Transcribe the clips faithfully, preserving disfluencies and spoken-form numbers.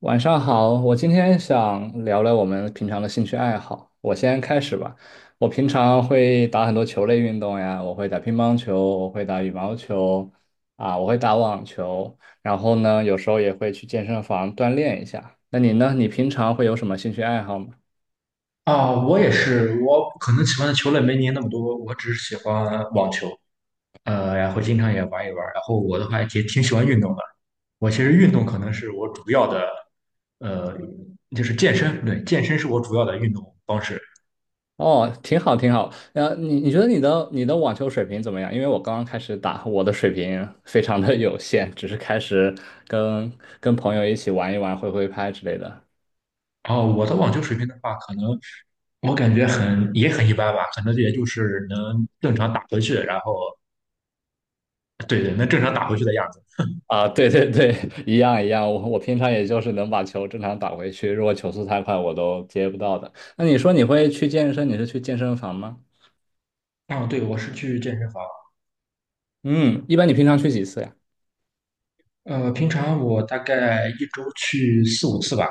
晚上好，我今天想聊聊我们平常的兴趣爱好。我先开始吧。我平常会打很多球类运动呀，我会打乒乓球，我会打羽毛球，啊，我会打网球。然后呢，有时候也会去健身房锻炼一下。那你呢？你平常会有什么兴趣爱好吗？啊，我也是，我可能喜欢的球类没您那么多，我只是喜欢网球，呃，然后经常也玩一玩。然后我的话也挺喜欢运动的，我其实运动可能是我主要的，呃，就是健身，对，健身是我主要的运动方式。哦，挺好，挺好。呃，你你觉得你的你的网球水平怎么样？因为我刚刚开始打，我的水平 非常的有限，只是开始跟跟朋友一起玩一玩，挥挥拍之类的。然后我的网球水平的话，可能我感觉很也很一般吧，可能也就是能正常打回去，然后对对，能正常打回去的样子。啊，对对对，一样一样。我我平常也就是能把球正常打回去，如果球速太快，我都接不到的。那你说你会去健身？你是去健身房吗？啊，对，我是去健身房，嗯，一般你平常去几次呀？呃，平常我大概一周去四五次吧。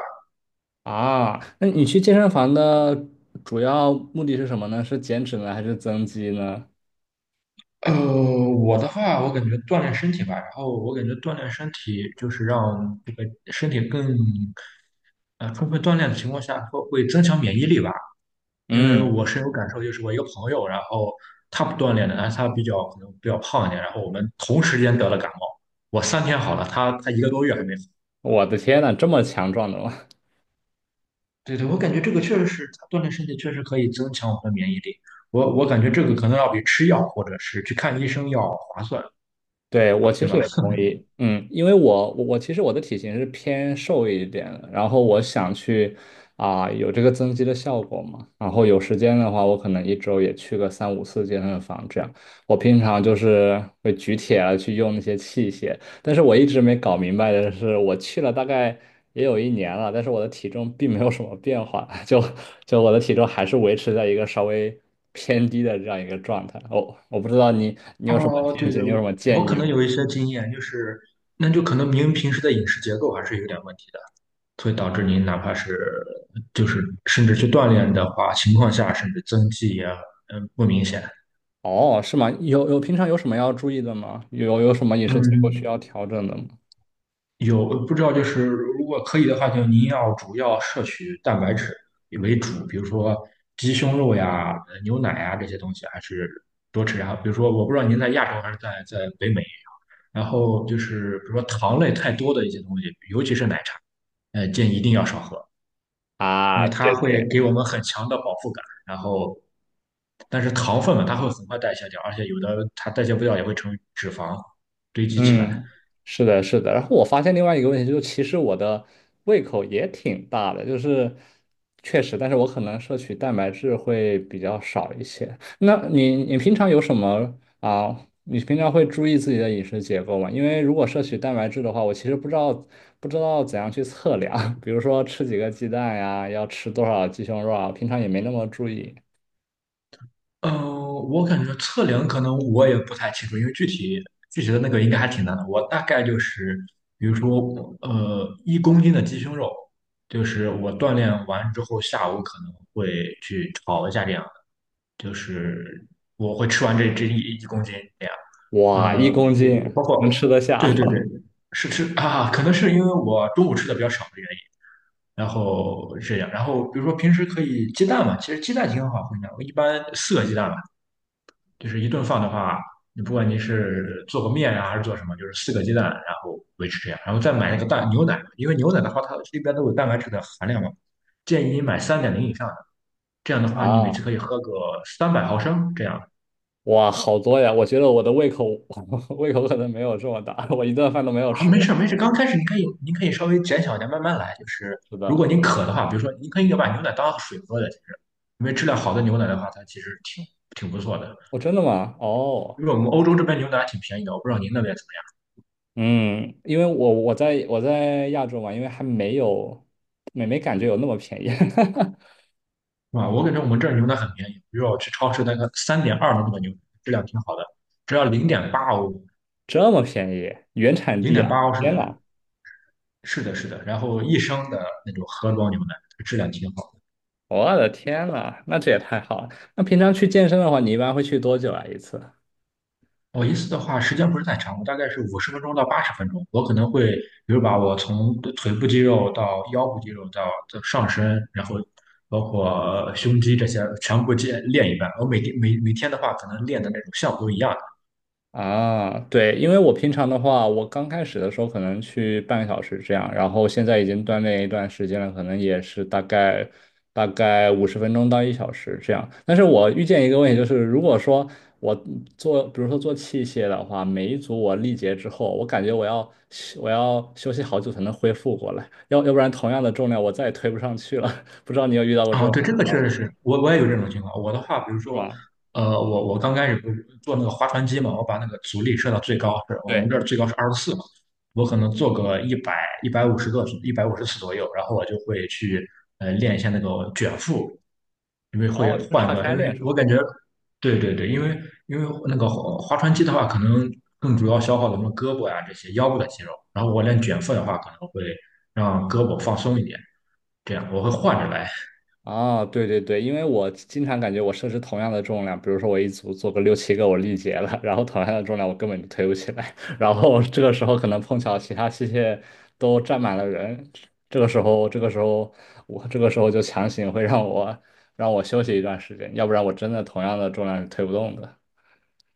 啊，那你去健身房的主要目的是什么呢？是减脂呢，还是增肌呢？呃，我的话，我感觉锻炼身体吧，然后我感觉锻炼身体就是让这个身体更呃充分锻炼的情况下，会会增强免疫力吧。因为嗯，我深有感受，就是我一个朋友，然后他不锻炼的，但是他比较可能比较胖一点，然后我们同时间得了感冒，我三天好了，他他一个多月还没好。我的天呐，这么强壮的吗？对对，我感觉这个确实是，锻炼身体确实可以增强我们的免疫力。我我感觉这个可能要比吃药或者是去看医生要划算，对，我其对实吧？也同意，嗯，因为我我我其实我的体型是偏瘦一点的，然后我想去啊、有这个增肌的效果嘛，然后有时间的话，我可能一周也去个三五次健身房这样。我平常就是会举铁啊，去用那些器械，但是我一直没搞明白的是，我去了大概也有一年了，但是我的体重并没有什么变化，就就我的体重还是维持在一个稍微偏低的这样一个状态。哦，我不知道你你有什么哦，见对解，对，你有什么我建议可能吗？有一些经验，就是那就可能您平时的饮食结构还是有点问题的，所以导致您哪怕是就是甚至去锻炼的话，情况下甚至增肌也嗯不明显。哦，是吗？有有平常有什么要注意的吗？有有什么饮食结构需嗯，要调整的吗？有不知道，就是如果可以的话，就您要主要摄取蛋白质为主，比如说鸡胸肉呀、呃牛奶呀这些东西，还是多吃。然后比如说，我不知道您在亚洲还是在在北美啊，然后就是比如说糖类太多的一些东西，尤其是奶茶，呃，建议一定要少喝，因啊，为它对会对，给我们很强的饱腹感。然后，但是糖分嘛，它会很快代谢掉，而且有的它代谢不掉也会成为脂肪堆积起来。嗯，是的，是的。然后我发现另外一个问题就是，其实我的胃口也挺大的，就是确实，但是我可能摄取蛋白质会比较少一些。那你你平常有什么啊？你平常会注意自己的饮食结构吗？因为如果摄取蛋白质的话，我其实不知道不知道怎样去测量，比如说吃几个鸡蛋呀，要吃多少鸡胸肉啊，平常也没那么注意。嗯，我感觉测量可能我也不太清楚，因为具体具体的那个应该还挺难的。我大概就是，比如说，呃，一公斤的鸡胸肉，就是我锻炼完之后，下午可能会去炒一下这样的，就是我会吃完这这一一公斤这样。哇，一呃，公我斤包能括，吃得下 对对对，是吃啊，可能是因为我中午吃的比较少的原因。然后这样，然后比如说平时可以鸡蛋嘛，其实鸡蛋挺好分的。我一般四个鸡蛋吧，就是一顿饭的话，你不管你是做个面啊还是做什么，就是四个鸡蛋，然后维持这样，然后再买那个蛋牛奶，因为牛奶的话它里边都有蛋白质的含量嘛，建议你买三点零以上的，这样的话你每啊？次可以喝个三百毫升这样。哇，好多呀！我觉得我的胃口 胃口可能没有这么大，我一顿饭都没有啊，吃没过事儿没事儿，刚开始你可以您可以稍微减小一点，慢慢来。就是是如果的。您渴的话，比如说您可以把牛奶当水喝的，其实因为质量好的牛奶的话，它其实挺挺不错的。哦，真的吗？哦，因为我们欧洲这边牛奶还挺便宜的，我不知道您那边怎么嗯，因为我我在我在亚洲嘛，因为还没有没没感觉有那么便宜，样，是吧？我感觉我们这儿牛奶很便宜，比如说我去超市那个三点二的那个牛奶，质量挺好的，只要零点八欧，这么便宜，原产零地点啊！八欧，是天的，呐，是的，是的。然后一升的那种盒装牛奶，质量挺好。我的天呐，那这也太好了。那平常去健身的话，你一般会去多久啊一次？我一次的话，时间不是太长，我大概是五十分钟到八十分钟。我可能会，比如把我从腿部肌肉到腰部肌肉到到上身，然后包括胸肌这些全部练练一遍。我每天每每天的话，可能练的那种项目都一样。啊，对，因为我平常的话，我刚开始的时候可能去半个小时这样，然后现在已经锻炼一段时间了，可能也是大概大概五十分钟到一小时这样。但是我遇见一个问题，就是如果说我做，比如说做器械的话，每一组我力竭之后，我感觉我要我要休息好久才能恢复过来，要要不然同样的重量我再也推不上去了。不知道你有遇到过这啊，种对，这情个确况。实是我我也有这种情况。我的话，比如是说，吧？呃，我我刚开始不是做那个划船机嘛，我把那个阻力设到最高，是我们对，这儿最高是二十四嘛，我可能做个一百一百五十个一百五十次左右，然后我就会去呃练一下那个卷腹，因为哦，会就是换岔个，开因为练是我吗？感觉，对对对，因为因为那个划划船机的话，可能更主要消耗的什么胳膊呀、这些腰部的肌肉，然后我练卷腹的话，可能会让胳膊放松一点，这样我会换着来。啊，对对对，因为我经常感觉我设置同样的重量，比如说我一组做个六七个，我力竭了，然后同样的重量我根本就推不起来，然后这个时候可能碰巧其他器械都站满了人，这个时候这个时候我这个时候就强行会让我让我休息一段时间，要不然我真的同样的重量是推不动的。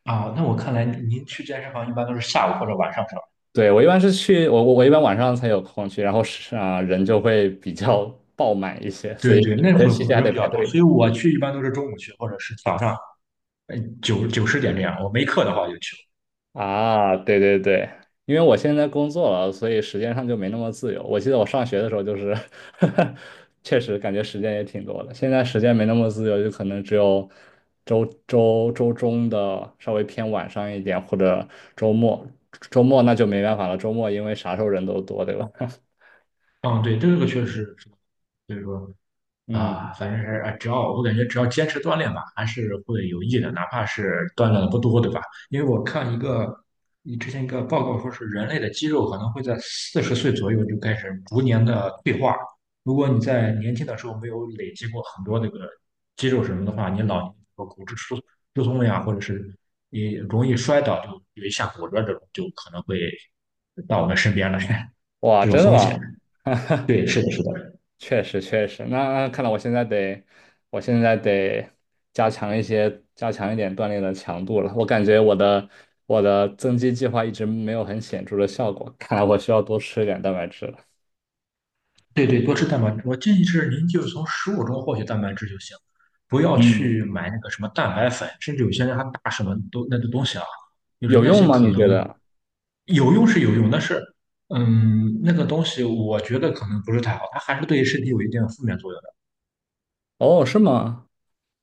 啊，那我看来您您去健身房一般都是下午或者晚上是吧？对，我一般是去我我我一般晚上才有空去，然后是啊人就会比较爆满一些，所对以对，那有些会器械还人得比排较多，队。所以我去一般都是中午去，或者是早上，呃，九九十点这样。我没课的话就去。啊，对对对，因为我现在工作了，所以时间上就没那么自由。我记得我上学的时候就是 确实感觉时间也挺多的。现在时间没那么自由，就可能只有周周周中的稍微偏晚上一点，或者周末。周末那就没办法了，周末因为啥时候人都多，对吧？嗯，对，这个确实是，所以说。嗯，啊，反正是啊，只要我感觉只要坚持锻炼吧，还是会有益的，哪怕是锻炼的不多，对吧？因为我看一个，你之前一个报告说是人类的肌肉可能会在四十岁左右就开始逐年的退化。如果你在年轻的时候没有累积过很多那个肌肉什么的话，你老年和骨质疏疏松呀，或者是你容易摔倒，就有一下骨折这种，就可能会到我们身边来，哇，这种真的风险。吗？对，是的，是的。确实确实，那那看来我现在得，我现在得加强一些，加强一点锻炼的强度了。我感觉我的我的增肌计划一直没有很显著的效果，看来我需要多吃一点蛋白质了。对对，多吃蛋白质。我建议是您就是从食物中获取蛋白质就行，不要嗯，去买那个什么蛋白粉，甚至有些人还打什么都那个东西啊，就是有那用些吗？可你觉能得？有用是有用，但是嗯，那个东西我觉得可能不是太好，它还是对身体有一定的负面作用。哦，是吗？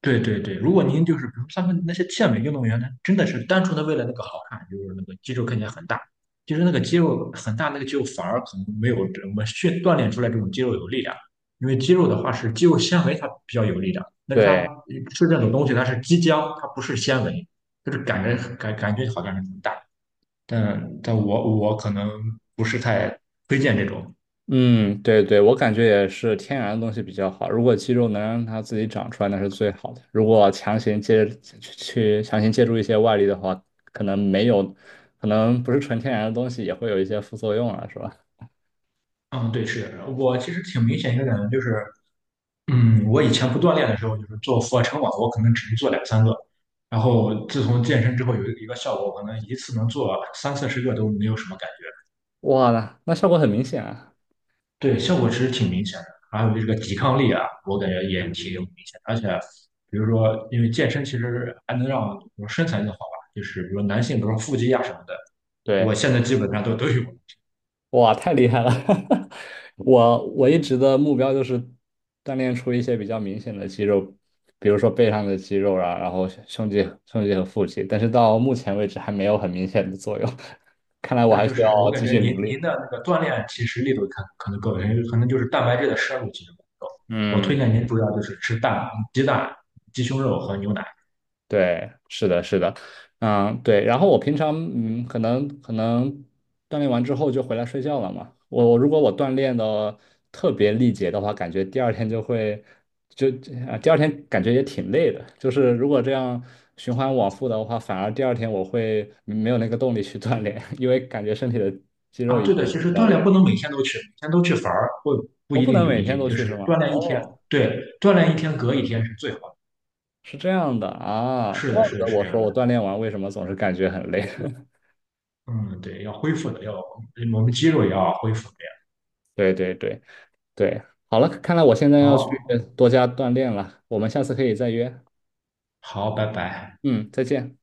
对对对，如果您就是比如他们那些健美运动员，他真的是单纯的为了那个好看，就是那个肌肉看起来很大，其实那个肌肉很大，那个肌肉反而可能没有我们训锻炼出来这种肌肉有力量，因为肌肉的话是肌肉纤维它比较有力量，但是它对。吃这种东西它是肌浆，它不是纤维，就是感觉感感觉好像是很大，但但我我可能不是太推荐这种。嗯，对对，我感觉也是天然的东西比较好。如果肌肉能让它自己长出来，那是最好的。如果强行借去去强行借助一些外力的话，可能没有，可能不是纯天然的东西也会有一些副作用啊，是吧？嗯，对，是我其实挺明显一个感觉就是。嗯，我以前不锻炼的时候，就是做俯卧撑嘛，我可能只能做两三个。然后自从健身之后，有一个效果，我可能一次能做三四十个都没有什么感觉。哇，那那效果很明显啊。对，效果其实挺明显的。还有这个抵抗力啊，我感觉也挺明显而且，比如说，因为健身其实还能让我身材更好吧，就是比如男性，比如说腹肌呀、什么的，我对。现在基本上都都有。哇，太厉害了！我我一直的目标就是锻炼出一些比较明显的肌肉，比如说背上的肌肉啊，然后胸肌、胸肌和腹肌，但是到目前为止还没有很明显的作用，看来我那还就需要是我感继觉续您努您力。的那个锻炼其实力度可可能够，可能就是蛋白质的摄入其实不够。我推嗯。荐您主要就是吃蛋、鸡蛋、鸡胸肉和牛奶对，是的，是的，嗯，对。然后我平常，嗯，可能可能锻炼完之后就回来睡觉了嘛。我我如果我锻炼的特别力竭的话，感觉第二天就会就啊，第二天感觉也挺累的。就是如果这样循环往复的话，反而第二天我会嗯没有那个动力去锻炼，因为感觉身体的肌肉啊。已对的，经比其实较锻炼累。不能每天都去，每天都去反而会不我一不定能有每天益。都就去是是吗？锻炼一天，哦，对，锻炼一天隔一天是最好的。是这样的啊，是怪的，不是得的，是我这说样的。我锻炼完为什么总是感觉很累。嗯，对，要恢复的，要我们肌肉也要恢复的呀。对对对。对，好了，看来我现在要去好，多加锻炼了，我们下次可以再约。好，拜拜。嗯，再见。